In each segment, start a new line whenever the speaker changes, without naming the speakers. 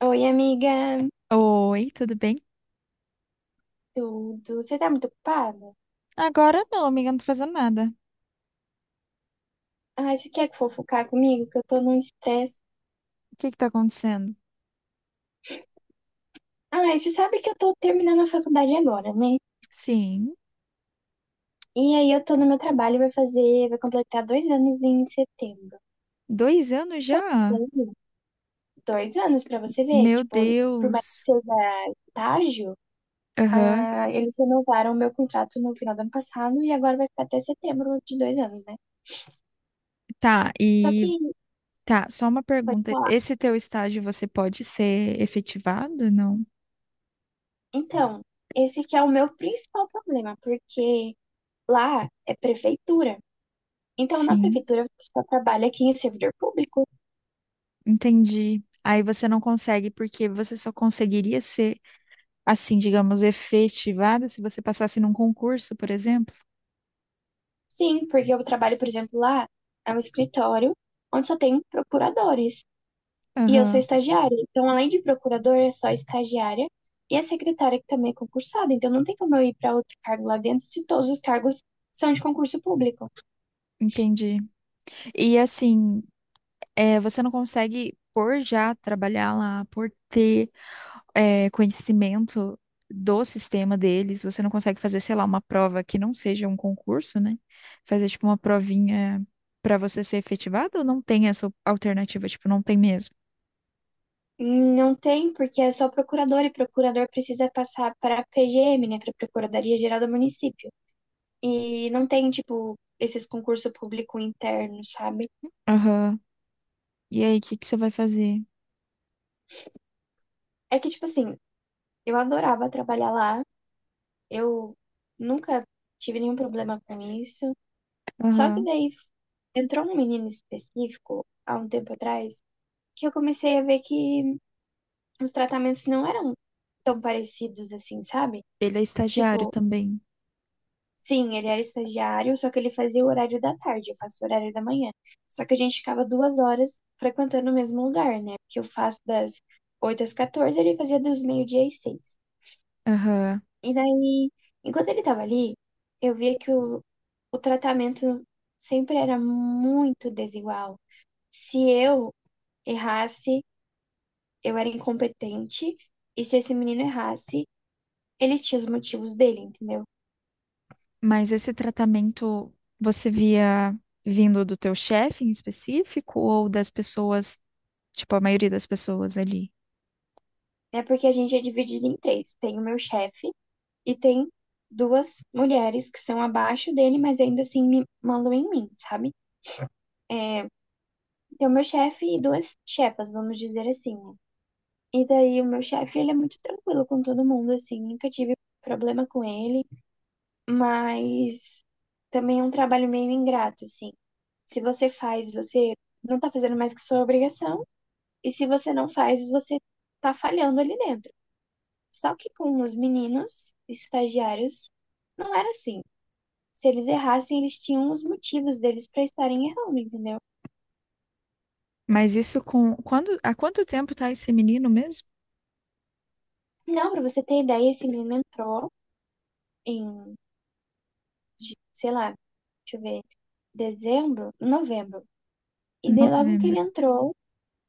Oi, amiga,
Oi, tudo bem?
tudo? Você tá muito ocupada?
Agora não, amiga, não tô fazendo nada.
Ai, você quer fofocar comigo? Que eu tô num estresse.
O que que tá acontecendo?
Ai, você sabe que eu tô terminando a faculdade agora, né?
Sim,
E aí eu tô no meu trabalho, vai fazer, vai completar dois anos em setembro.
2 anos
Só
já?
dois anos pra você ver,
Meu
tipo, por mais que
Deus.
seja estágio,
Aham.
ah, eles renovaram o meu contrato no final do ano passado e agora vai ficar até setembro de dois anos, né?
Tá,
Só que,
e tá, só uma
pode
pergunta.
falar.
Esse teu estágio você pode ser efetivado? Não?
Então, esse que é o meu principal problema, porque lá é prefeitura. Então, na
Sim,
prefeitura, você só trabalha aqui em servidor público.
entendi. Aí você não consegue, porque você só conseguiria ser, assim, digamos, efetivada se você passasse num concurso, por exemplo?
Sim, porque eu trabalho, por exemplo, lá é um escritório onde só tem procuradores. E eu sou
Aham,
estagiária. Então, além de procurador, é só estagiária. E a secretária que também é concursada. Então, não tem como eu ir para outro cargo lá dentro se todos os cargos são de concurso público.
entendi. E assim, é, você não consegue, por já trabalhar lá, por ter conhecimento do sistema deles, você não consegue fazer, sei lá, uma prova que não seja um concurso, né? Fazer, tipo, uma provinha para você ser efetivado ou não tem essa alternativa? Tipo, não tem mesmo.
Não tem, porque é só procurador. E procurador precisa passar para a PGM, né? Para a Procuradoria Geral do Município. E não tem, tipo, esses concursos público internos, sabe?
Aham. E aí, o que que você vai fazer?
É que, tipo assim, eu adorava trabalhar lá, eu nunca tive nenhum problema com isso. Só que
Aham.
daí entrou um menino específico, há um tempo atrás, que eu comecei a ver que os tratamentos não eram tão parecidos assim, sabe?
Ele é estagiário
Tipo,
também.
sim, ele era estagiário, só que ele fazia o horário da tarde, eu faço o horário da manhã. Só que a gente ficava duas horas frequentando o mesmo lugar, né? Porque eu faço das 8 às 14, ele fazia dos meio-dia às seis.
Aham.
E daí, enquanto ele tava ali, eu via que o tratamento sempre era muito desigual. Se eu errasse, eu era incompetente, e se esse menino errasse, ele tinha os motivos dele, entendeu?
Mas esse tratamento você via vindo do teu chefe em específico ou das pessoas, tipo, a maioria das pessoas ali?
É porque a gente é dividido em três. Tem o meu chefe, e tem duas mulheres que são abaixo dele, mas ainda assim me mandam em mim, sabe? Então, meu chefe e duas chepas, vamos dizer assim, né? E daí, o meu chefe, ele é muito tranquilo com todo mundo, assim, nunca tive problema com ele, mas também é um trabalho meio ingrato, assim. Se você faz, você não tá fazendo mais que sua obrigação, e se você não faz, você tá falhando ali dentro. Só que com os meninos estagiários, não era assim. Se eles errassem, eles tinham os motivos deles para estarem errando, entendeu?
Mas isso com quando, há quanto tempo tá esse menino mesmo?
Não, para você ter ideia, esse menino entrou em, sei lá, deixa eu ver, dezembro, novembro. E daí logo que ele
Novembro.
entrou,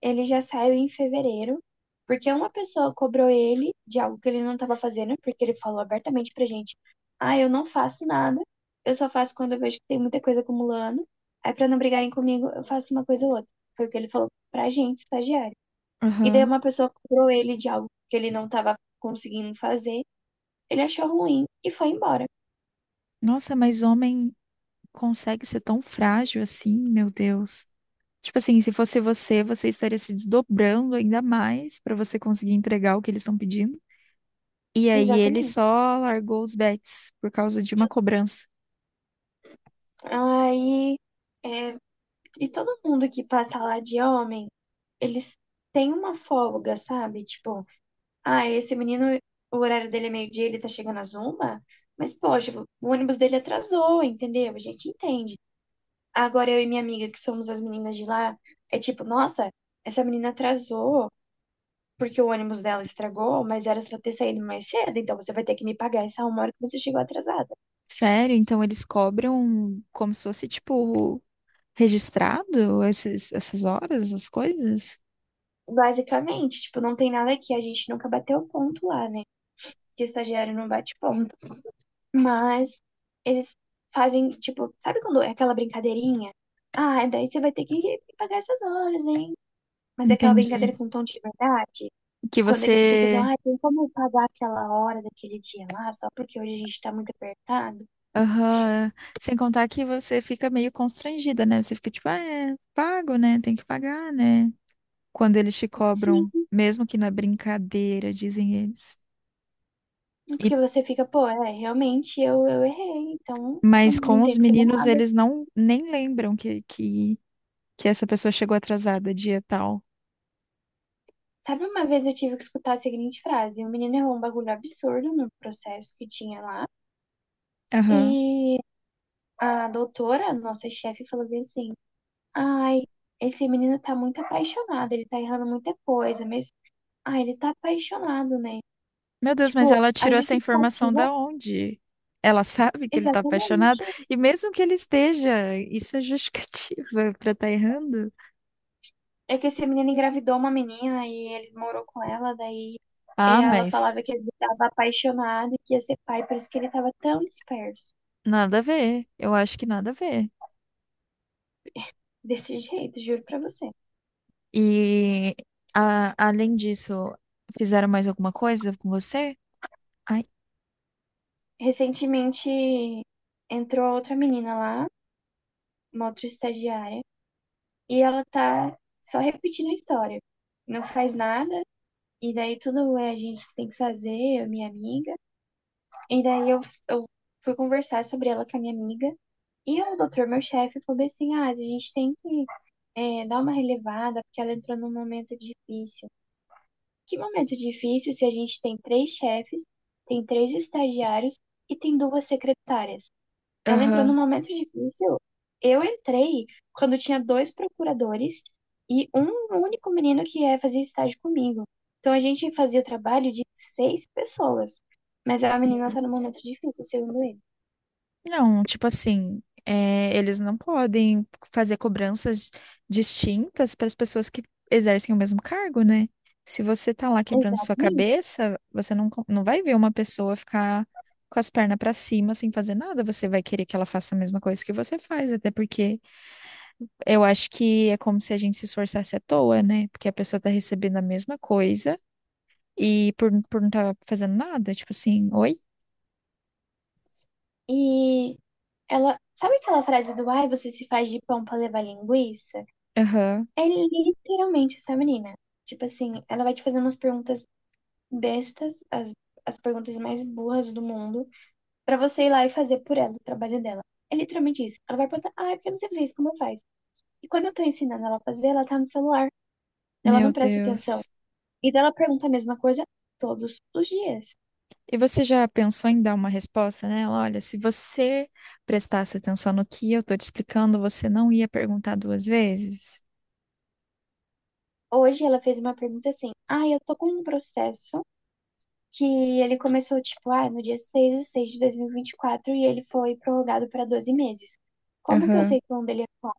ele já saiu em fevereiro, porque uma pessoa cobrou ele de algo que ele não estava fazendo, porque ele falou abertamente pra gente: "Ah, eu não faço nada. Eu só faço quando eu vejo que tem muita coisa acumulando. Aí pra não brigarem comigo, eu faço uma coisa ou outra". Foi o que ele falou pra gente, estagiário. E daí
Aham.
uma pessoa cobrou ele de algo que ele não estava conseguindo fazer. Ele achou ruim e foi embora.
Nossa, mas homem consegue ser tão frágil assim, meu Deus. Tipo assim, se fosse você, você estaria se desdobrando ainda mais para você conseguir entregar o que eles estão pedindo. E aí ele
Exatamente.
só largou os bets por causa de uma cobrança.
Aí, é, e todo mundo que passa lá de homem, eles têm uma folga, sabe? Tipo, ah, esse menino, o horário dele é meio-dia, ele tá chegando às uma, mas poxa, o ônibus dele atrasou, entendeu? A gente entende. Agora eu e minha amiga, que somos as meninas de lá, é tipo, nossa, essa menina atrasou, porque o ônibus dela estragou, mas era só ter saído mais cedo, então você vai ter que me pagar essa uma hora que você chegou atrasada.
Sério? Então eles cobram como se fosse, tipo, registrado essas horas, essas coisas?
Basicamente, tipo, não tem nada que a gente nunca bateu ponto lá, né? Que estagiário não bate ponto. Mas eles fazem, tipo, sabe quando é aquela brincadeirinha? Ah, daí você vai ter que me pagar essas horas, hein? Mas é aquela
Entendi.
brincadeira com tom de verdade,
Que
que quando eles precisam,
você.
ah, tem como eu pagar aquela hora daquele dia lá, só porque hoje a gente tá muito apertado?
Aham. Sem contar que você fica meio constrangida, né? Você fica tipo, ah, é pago, né? Tem que pagar, né? Quando eles te
Sim,
cobram, mesmo que na brincadeira, dizem eles. E
porque você fica, pô, é, realmente eu errei, então não,
mas com
não
os
tenho que fazer
meninos,
nada.
eles não nem lembram que essa pessoa chegou atrasada dia tal.
Sabe, uma vez eu tive que escutar a seguinte frase: o menino errou um bagulho absurdo no processo que tinha lá,
Aham.
e a doutora, nossa chefe, falou bem assim: ai, esse menino tá muito apaixonado, ele tá errando muita coisa, mas, ai, ele tá apaixonado, né?
Meu Deus, mas
Tipo,
ela
a
tirou essa informação
justificativa,
da onde? Ela sabe que ele tá apaixonado?
exatamente.
E mesmo que ele esteja, isso é justificativa pra estar errando?
É que esse menino engravidou uma menina e ele morou com ela, daí
Ah,
ela falava
mas
que ele estava apaixonado e que ia ser pai, por isso que ele estava tão disperso.
nada a ver. Eu acho que nada a ver.
Desse jeito, juro pra você.
E além disso, fizeram mais alguma coisa com você? Ai,
Recentemente entrou outra menina lá, uma outra estagiária, e ela tá só repetindo a história. Não faz nada, e daí tudo é a gente que tem que fazer, eu, minha amiga. E daí eu fui conversar sobre ela com a minha amiga. E o doutor, meu chefe, falou bem assim: ah, a gente tem que é, dar uma relevada, porque ela entrou num momento difícil. Que momento difícil se a gente tem três chefes, tem três estagiários e tem duas secretárias? Ela entrou num
aham.
momento difícil. Eu entrei quando tinha dois procuradores e um único menino que ia fazer estágio comigo. Então a gente fazia o trabalho de seis pessoas. Mas a menina tá num
Sim.
momento difícil, segundo ele.
Não, tipo assim, é, eles não podem fazer cobranças distintas para as pessoas que exercem o mesmo cargo, né? Se você tá lá quebrando sua
Exatamente.
cabeça, você não, não vai ver uma pessoa ficar com as pernas para cima sem fazer nada. Você vai querer que ela faça a mesma coisa que você faz, até porque eu acho que é como se a gente se esforçasse à toa, né? Porque a pessoa tá recebendo a mesma coisa e por não estar fazendo nada, tipo assim, oi?
E ela. Sabe aquela frase do ai, você se faz de pão pra levar linguiça?
Aham.
É literalmente essa menina. Tipo assim, ela vai te fazer umas perguntas bestas, as perguntas mais burras do mundo pra você ir lá e fazer por ela o trabalho dela. É literalmente isso. Ela vai perguntar, ah, é porque eu não sei fazer isso, como faz? E quando eu tô ensinando ela a fazer, ela tá no celular, ela não
Meu
presta atenção.
Deus.
E daí ela pergunta a mesma coisa todos os dias.
E você já pensou em dar uma resposta nela? Olha, se você prestasse atenção no que eu tô te explicando, você não ia perguntar duas vezes?
Hoje ela fez uma pergunta assim, ah, eu tô com um processo que ele começou, tipo, ah, no dia 6 de dois mil e vinte e quatro e ele foi prorrogado para 12 meses. Como que eu
Aham.
sei quando ele é qual?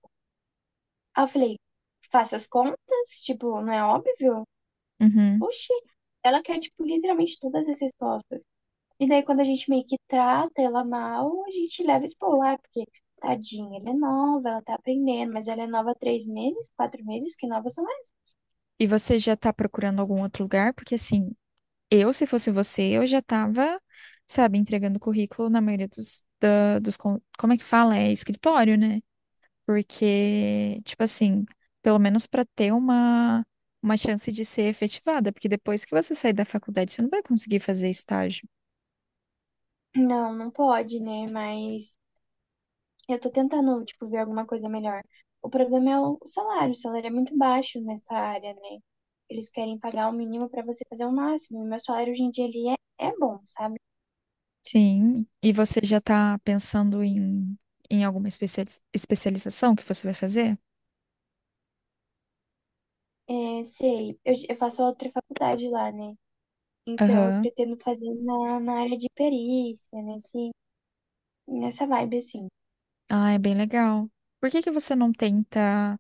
Aí eu falei, faça as contas, tipo, não é óbvio?
Uhum.
Oxi, ela quer, tipo, literalmente todas as respostas. E daí, quando a gente meio que trata ela mal, a gente leva isso pro lar, porque tadinha, ela é nova, ela tá aprendendo, mas ela é nova há três meses, quatro meses, que nova são elas?
E você já tá procurando algum outro lugar? Porque assim, eu, se fosse você, eu já tava, sabe, entregando currículo na maioria dos, como é que fala? É escritório, né? Porque, tipo assim, pelo menos pra ter uma chance de ser efetivada, porque depois que você sair da faculdade, você não vai conseguir fazer estágio.
Não, não pode, né? Mas eu tô tentando, tipo, ver alguma coisa melhor. O problema é o salário é muito baixo nessa área, né? Eles querem pagar o mínimo pra você fazer o máximo. E meu salário hoje em dia ele é, é bom, sabe?
Sim. E você já está pensando em alguma especialização que você vai fazer?
É, sei, eu faço outra faculdade lá, né? Então eu
Aham.
pretendo fazer na área de perícia, nesse nessa vibe, assim.
Ah, é bem legal. Por que que você não tenta,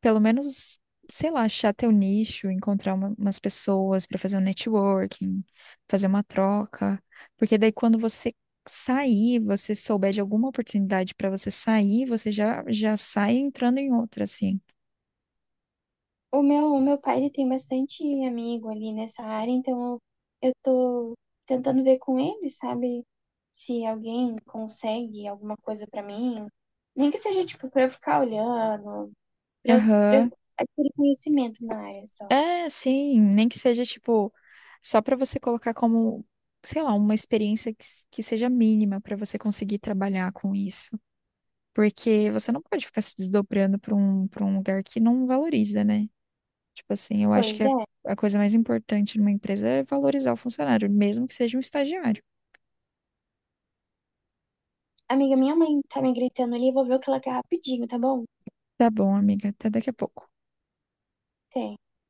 pelo menos, sei lá, achar teu nicho, encontrar umas pessoas para fazer um networking, fazer uma troca? Porque daí quando você sair, você souber de alguma oportunidade para você sair, você já já sai entrando em outra, assim.
O meu pai, ele tem bastante amigo ali nessa área, então eu tô tentando ver com ele, sabe? Se alguém consegue alguma coisa pra mim. Nem que seja, tipo, pra eu ficar olhando, pra
Aham.
eu adquirir conhecimento na área só.
É, sim, nem que seja tipo só para você colocar como, sei lá, uma experiência que seja mínima para você conseguir trabalhar com isso, porque você não pode ficar se desdobrando para um lugar que não valoriza, né? Tipo assim, eu acho que
Pois
a,
é.
a coisa mais importante numa empresa é valorizar o funcionário, mesmo que seja um estagiário.
Amiga, minha mãe tá me gritando ali, eu vou ver o que ela quer rapidinho, tá bom?
Tá bom, amiga, até daqui a pouco.
Até.